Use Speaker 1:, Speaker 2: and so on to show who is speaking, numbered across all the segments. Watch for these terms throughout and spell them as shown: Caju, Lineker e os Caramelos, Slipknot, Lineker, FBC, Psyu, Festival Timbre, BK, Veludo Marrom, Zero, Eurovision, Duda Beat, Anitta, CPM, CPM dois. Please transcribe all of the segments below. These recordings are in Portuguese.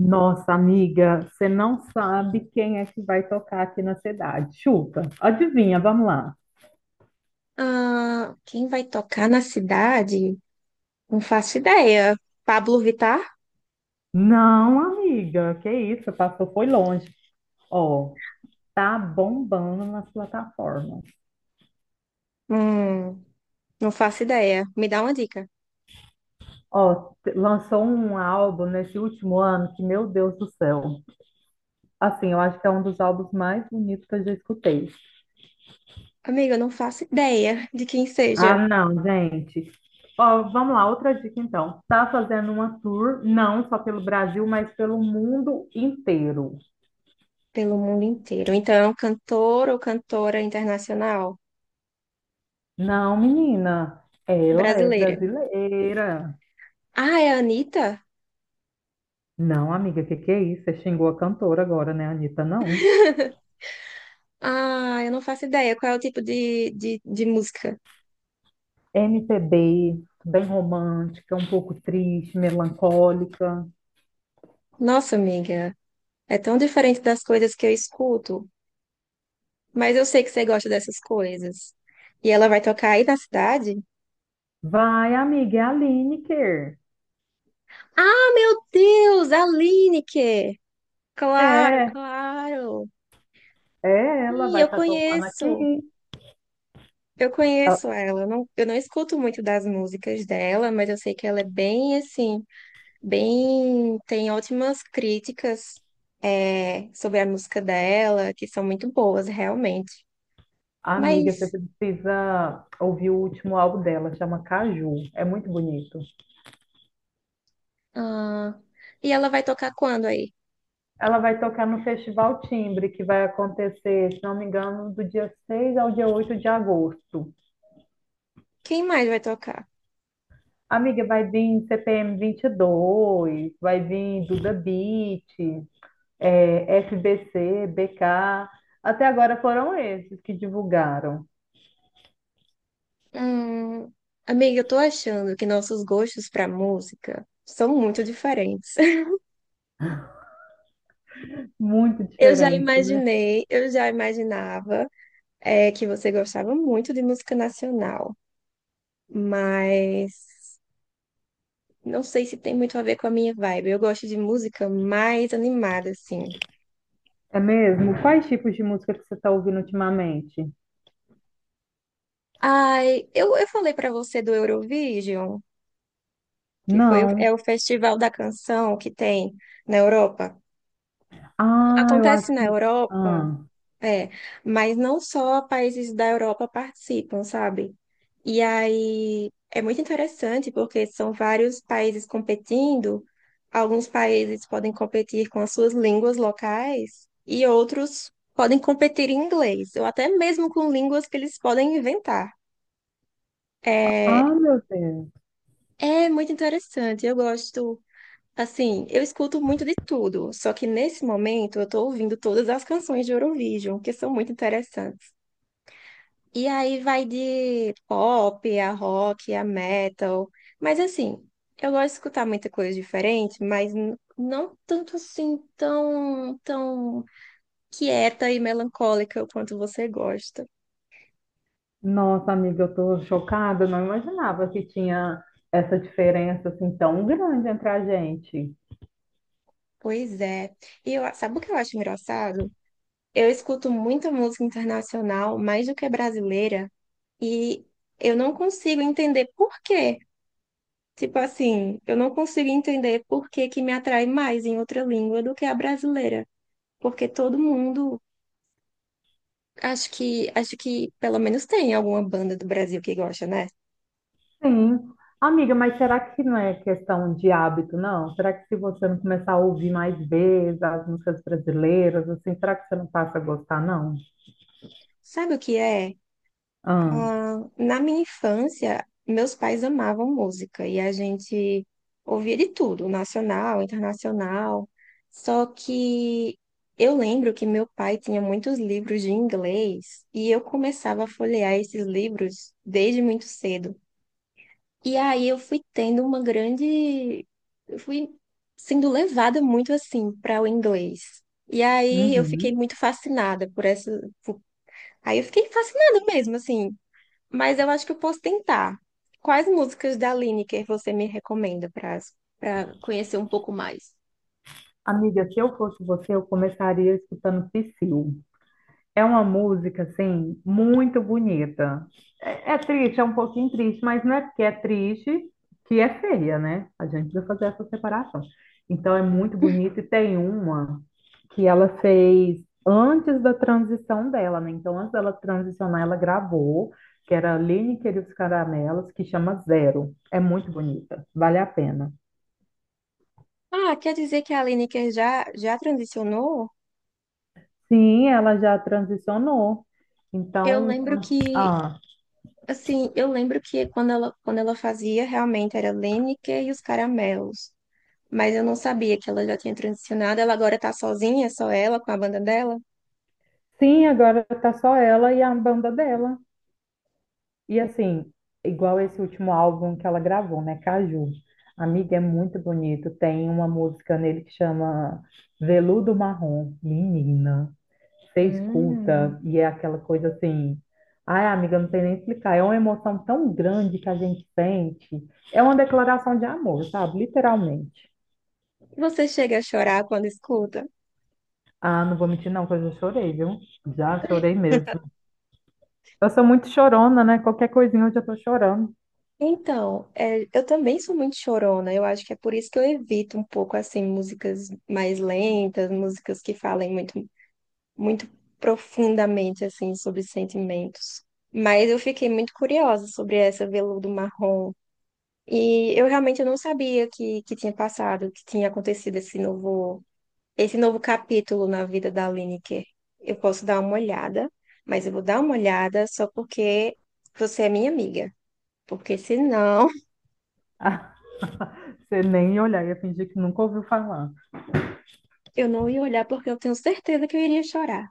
Speaker 1: Nossa, amiga, você não sabe quem é que vai tocar aqui na cidade. Chuta, adivinha, vamos lá.
Speaker 2: Ah, quem vai tocar na cidade? Não faço ideia. Pablo Vittar?
Speaker 1: Não, amiga, que isso, passou, foi longe. Ó, tá bombando nas plataformas.
Speaker 2: Hum, não faço ideia. Me dá uma dica.
Speaker 1: Ó, lançou um álbum nesse último ano que, meu Deus do céu. Assim, eu acho que é um dos álbuns mais bonitos que eu já escutei.
Speaker 2: Amiga, eu não faço ideia de quem
Speaker 1: Ah,
Speaker 2: seja
Speaker 1: não, gente. Ó, vamos lá, outra dica então. Tá fazendo uma tour, não só pelo Brasil, mas pelo mundo inteiro.
Speaker 2: pelo mundo inteiro. Então é um cantor ou cantora internacional
Speaker 1: Não, menina, ela é
Speaker 2: brasileira.
Speaker 1: brasileira.
Speaker 2: Ah, é a Anitta?
Speaker 1: Não, amiga, que é isso? Você xingou a cantora agora, né, Anitta? Não.
Speaker 2: Ah, eu não faço ideia. Qual é o tipo de música?
Speaker 1: MPB, bem romântica, um pouco triste, melancólica.
Speaker 2: Nossa, amiga, é tão diferente das coisas que eu escuto. Mas eu sei que você gosta dessas coisas. E ela vai tocar aí na cidade?
Speaker 1: Vai, amiga, é a Lineker.
Speaker 2: Ah, meu Deus, a Lineker! Claro,
Speaker 1: É,
Speaker 2: claro.
Speaker 1: é ela,
Speaker 2: Sim,
Speaker 1: vai
Speaker 2: eu
Speaker 1: estar tocando aqui.
Speaker 2: conheço. Eu
Speaker 1: A-
Speaker 2: conheço ela. Eu não escuto muito das músicas dela, mas eu sei que ela é bem assim, bem, tem ótimas críticas sobre a música dela, que são muito boas, realmente.
Speaker 1: Amiga, você
Speaker 2: Mas,
Speaker 1: precisa ouvir o último álbum dela, chama Caju. É muito bonito.
Speaker 2: ah, e ela vai tocar quando aí?
Speaker 1: Ela vai tocar no Festival Timbre, que vai acontecer, se não me engano, do dia 6 ao dia 8 de agosto.
Speaker 2: Quem mais vai tocar?
Speaker 1: Amiga, vai vir CPM 2, vai vir Duda Beat, FBC, BK. Até agora foram esses que divulgaram.
Speaker 2: Hum, amiga, eu tô achando que nossos gostos pra música são muito diferentes.
Speaker 1: Muito diferente, né?
Speaker 2: Eu já imaginava que você gostava muito de música nacional, mas não sei se tem muito a ver com a minha vibe. Eu gosto de música mais animada, assim.
Speaker 1: É mesmo? Quais tipos de música que você está ouvindo ultimamente?
Speaker 2: Eu falei pra você do Eurovision, que foi,
Speaker 1: Não.
Speaker 2: é o festival da canção que tem na Europa.
Speaker 1: Ah, eu
Speaker 2: Acontece
Speaker 1: acho
Speaker 2: na
Speaker 1: que.
Speaker 2: Europa.
Speaker 1: Ah,
Speaker 2: É, mas não só países da Europa participam, sabe? E aí é muito interessante porque são vários países competindo. Alguns países podem competir com as suas línguas locais e outros podem competir em inglês, ou até mesmo com línguas que eles podem inventar. É,
Speaker 1: ah, meu Deus.
Speaker 2: é muito interessante. Eu gosto, assim, eu escuto muito de tudo, só que nesse momento eu tô ouvindo todas as canções de Eurovision, que são muito interessantes. E aí vai de pop, a rock, a metal. Mas assim, eu gosto de escutar muita coisa diferente, mas não tanto assim tão quieta e melancólica quanto você gosta.
Speaker 1: Nossa, amiga, eu tô chocada, não imaginava que tinha essa diferença assim tão grande entre a gente.
Speaker 2: Pois é. E eu, sabe o que eu acho engraçado? Eu escuto muita música internacional, mais do que brasileira, e eu não consigo entender por quê. Tipo assim, eu não consigo entender por que que me atrai mais em outra língua do que a brasileira. Porque todo mundo acho que pelo menos tem alguma banda do Brasil que gosta, né?
Speaker 1: Sim. Amiga, mas será que não é questão de hábito, não? Será que se você não começar a ouvir mais vezes as músicas brasileiras, assim, será que você não passa a gostar, não?
Speaker 2: Sabe o que é?
Speaker 1: Ah,
Speaker 2: Ah, na minha infância, meus pais amavam música e a gente ouvia de tudo, nacional, internacional. Só que eu lembro que meu pai tinha muitos livros de inglês e eu começava a folhear esses livros desde muito cedo. E aí eu fui tendo uma grande. Eu fui sendo levada muito assim para o inglês. E aí eu fiquei
Speaker 1: uhum.
Speaker 2: muito fascinada por essa. por- Aí eu fiquei fascinada mesmo, assim. Mas eu acho que eu posso tentar. Quais músicas da Lineker você me recomenda para conhecer um pouco mais?
Speaker 1: Amiga, se eu fosse você, eu começaria escutando Psyu. É uma música, assim, muito bonita. É, é triste, é um pouquinho triste, mas não é porque é triste que é feia, né? A gente precisa fazer essa separação. Então, é muito bonita e tem uma que ela fez antes da transição dela, né? Então, antes dela transicionar, ela gravou, que era Lineker e os Caramelos, que chama Zero. É muito bonita, vale a pena.
Speaker 2: Ah, quer dizer que a Lineker já transicionou?
Speaker 1: Sim, ela já transicionou.
Speaker 2: Eu
Speaker 1: Então,
Speaker 2: lembro que, assim, eu lembro que quando ela fazia, realmente era Lineker e os Caramelos. Mas eu não sabia que ela já tinha transicionado. Ela agora tá sozinha, só ela, com a banda dela.
Speaker 1: sim, agora tá só ela e a banda dela. E assim, igual esse último álbum que ela gravou, né? Caju. Amiga, é muito bonito. Tem uma música nele que chama Veludo Marrom. Menina, você
Speaker 2: Hum.
Speaker 1: escuta e é aquela coisa assim. Ai, amiga, não sei nem explicar. É uma emoção tão grande que a gente sente. É uma declaração de amor, sabe? Literalmente.
Speaker 2: Você chega a chorar quando escuta?
Speaker 1: Ah, não vou mentir, não, que eu já chorei, viu? Já chorei mesmo. Eu sou muito chorona, né? Qualquer coisinha eu já tô chorando.
Speaker 2: Então, é, eu também sou muito chorona. Eu acho que é por isso que eu evito um pouco assim músicas mais lentas, músicas que falem muito profundamente assim sobre sentimentos. Mas eu fiquei muito curiosa sobre essa Veludo Marrom e eu realmente não sabia que tinha passado, que tinha acontecido esse novo capítulo na vida da Lineker. Eu posso dar uma olhada, mas eu vou dar uma olhada só porque você é minha amiga. Porque senão
Speaker 1: Ah, você nem ia olhar, ia fingir que nunca ouviu falar.
Speaker 2: eu não ia olhar porque eu tenho certeza que eu iria chorar.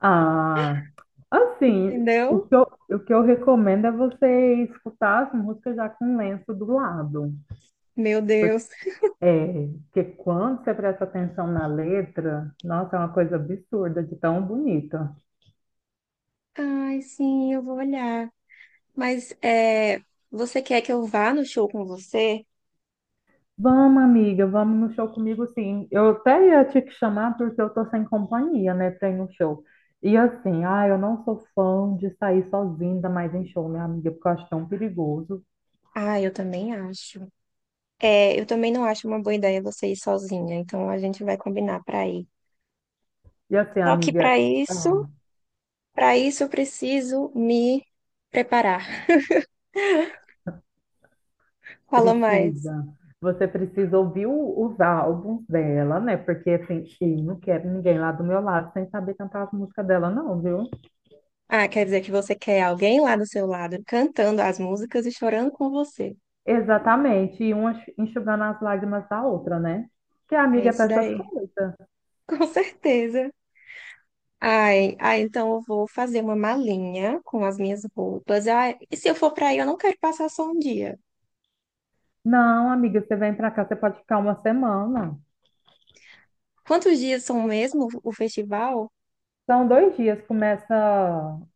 Speaker 1: Ah, assim,
Speaker 2: Entendeu?
Speaker 1: o que eu recomendo é você escutar as músicas já com lenço do lado.
Speaker 2: Meu Deus.
Speaker 1: É, porque quando você presta atenção na letra, nossa, é uma coisa absurda de tão bonita.
Speaker 2: Ai, sim, eu vou olhar. Mas é, você quer que eu vá no show com você?
Speaker 1: Vamos, amiga, vamos no show comigo, sim. Eu até ia te chamar porque eu tô sem companhia, né, pra ir no show. E assim, ah, eu não sou fã de sair sozinha, ainda mais em show, minha amiga, porque eu acho tão perigoso.
Speaker 2: Ah, eu também acho. É, eu também não acho uma boa ideia você ir sozinha, então a gente vai combinar pra ir.
Speaker 1: E assim,
Speaker 2: Só que
Speaker 1: amiga,
Speaker 2: pra isso
Speaker 1: ah,
Speaker 2: Para isso, eu preciso me preparar. Fala mais.
Speaker 1: precisa. Você precisa ouvir os álbuns dela, né? Porque assim, eu não quero ninguém lá do meu lado sem saber cantar as músicas dela, não, viu?
Speaker 2: Ah, quer dizer que você quer alguém lá do seu lado cantando as músicas e chorando com você.
Speaker 1: Exatamente. E uma enxugando as lágrimas da outra, né? Que a
Speaker 2: É
Speaker 1: amiga é
Speaker 2: isso
Speaker 1: pra essas
Speaker 2: daí.
Speaker 1: coisas.
Speaker 2: Com certeza. Ai, ai, então eu vou fazer uma malinha com as minhas roupas. Ai, e se eu for para aí, eu não quero passar só um dia.
Speaker 1: Não, amiga, você vem pra cá, você pode ficar 1 semana.
Speaker 2: Quantos dias são mesmo o festival?
Speaker 1: São 2 dias, começa.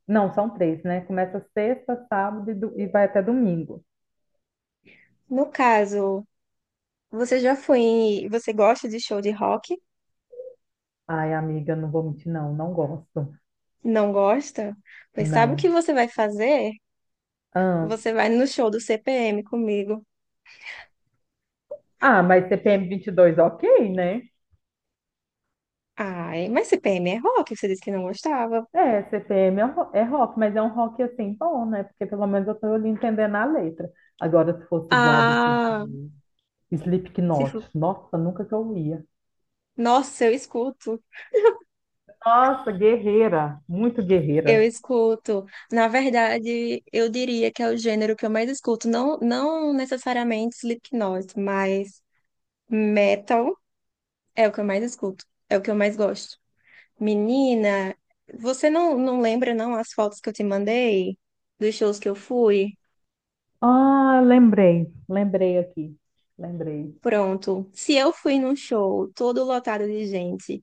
Speaker 1: Não, são 3, né? Começa sexta, sábado e vai até domingo.
Speaker 2: No caso, você já foi em... Você gosta de show de rock?
Speaker 1: Ai, amiga, não vou mentir, não, não gosto.
Speaker 2: Não gosta? Pois sabe o que
Speaker 1: Não.
Speaker 2: você vai fazer?
Speaker 1: Ahn,
Speaker 2: Você vai no show do CPM comigo.
Speaker 1: Ah, mas CPM 2, ok, né?
Speaker 2: Ai, mas CPM é rock, você disse que não gostava.
Speaker 1: É, CPM é um é rock, mas é um rock assim bom, né? Porque pelo menos eu tô ali entendendo a letra. Agora, se fosse igual, deixa eu
Speaker 2: Ah,
Speaker 1: ver.
Speaker 2: se for...
Speaker 1: Slipknot. Nossa, nunca que eu ia.
Speaker 2: Nossa, eu escuto.
Speaker 1: Nossa, guerreira, muito
Speaker 2: Eu
Speaker 1: guerreira.
Speaker 2: escuto. Na verdade, eu diria que é o gênero que eu mais escuto. Não, não necessariamente Slipknot, mas metal é o que eu mais escuto. É o que eu mais gosto. Menina, você não lembra, não, as fotos que eu te mandei dos shows que eu fui?
Speaker 1: Ah, lembrei, lembrei aqui, lembrei.
Speaker 2: Pronto. Se eu fui num show todo lotado de gente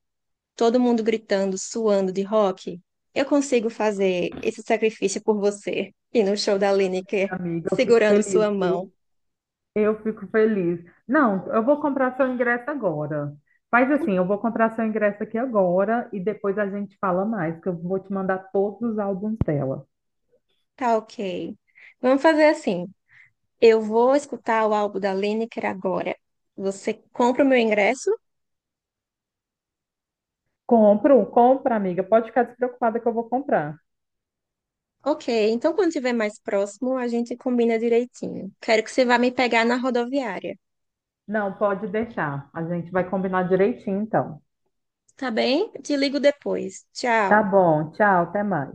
Speaker 2: todo mundo gritando, suando de rock, eu consigo fazer esse sacrifício por você. E no show da Lineker,
Speaker 1: Amiga, eu fico
Speaker 2: segurando sua
Speaker 1: feliz,
Speaker 2: mão.
Speaker 1: viu? Eu fico feliz. Não, eu vou comprar seu ingresso agora. Faz assim, eu vou comprar seu ingresso aqui agora e depois a gente fala mais, que eu vou te mandar todos os álbuns dela.
Speaker 2: Tá ok. Vamos fazer assim. Eu vou escutar o álbum da Lineker agora. Você compra o meu ingresso?
Speaker 1: Compro, compra, amiga. Pode ficar despreocupada que eu vou comprar.
Speaker 2: Ok, então quando estiver mais próximo, a gente combina direitinho. Quero que você vá me pegar na rodoviária.
Speaker 1: Não, pode deixar. A gente vai combinar direitinho, então.
Speaker 2: Tá bem? Te ligo depois.
Speaker 1: Tá
Speaker 2: Tchau.
Speaker 1: bom, tchau, até mais.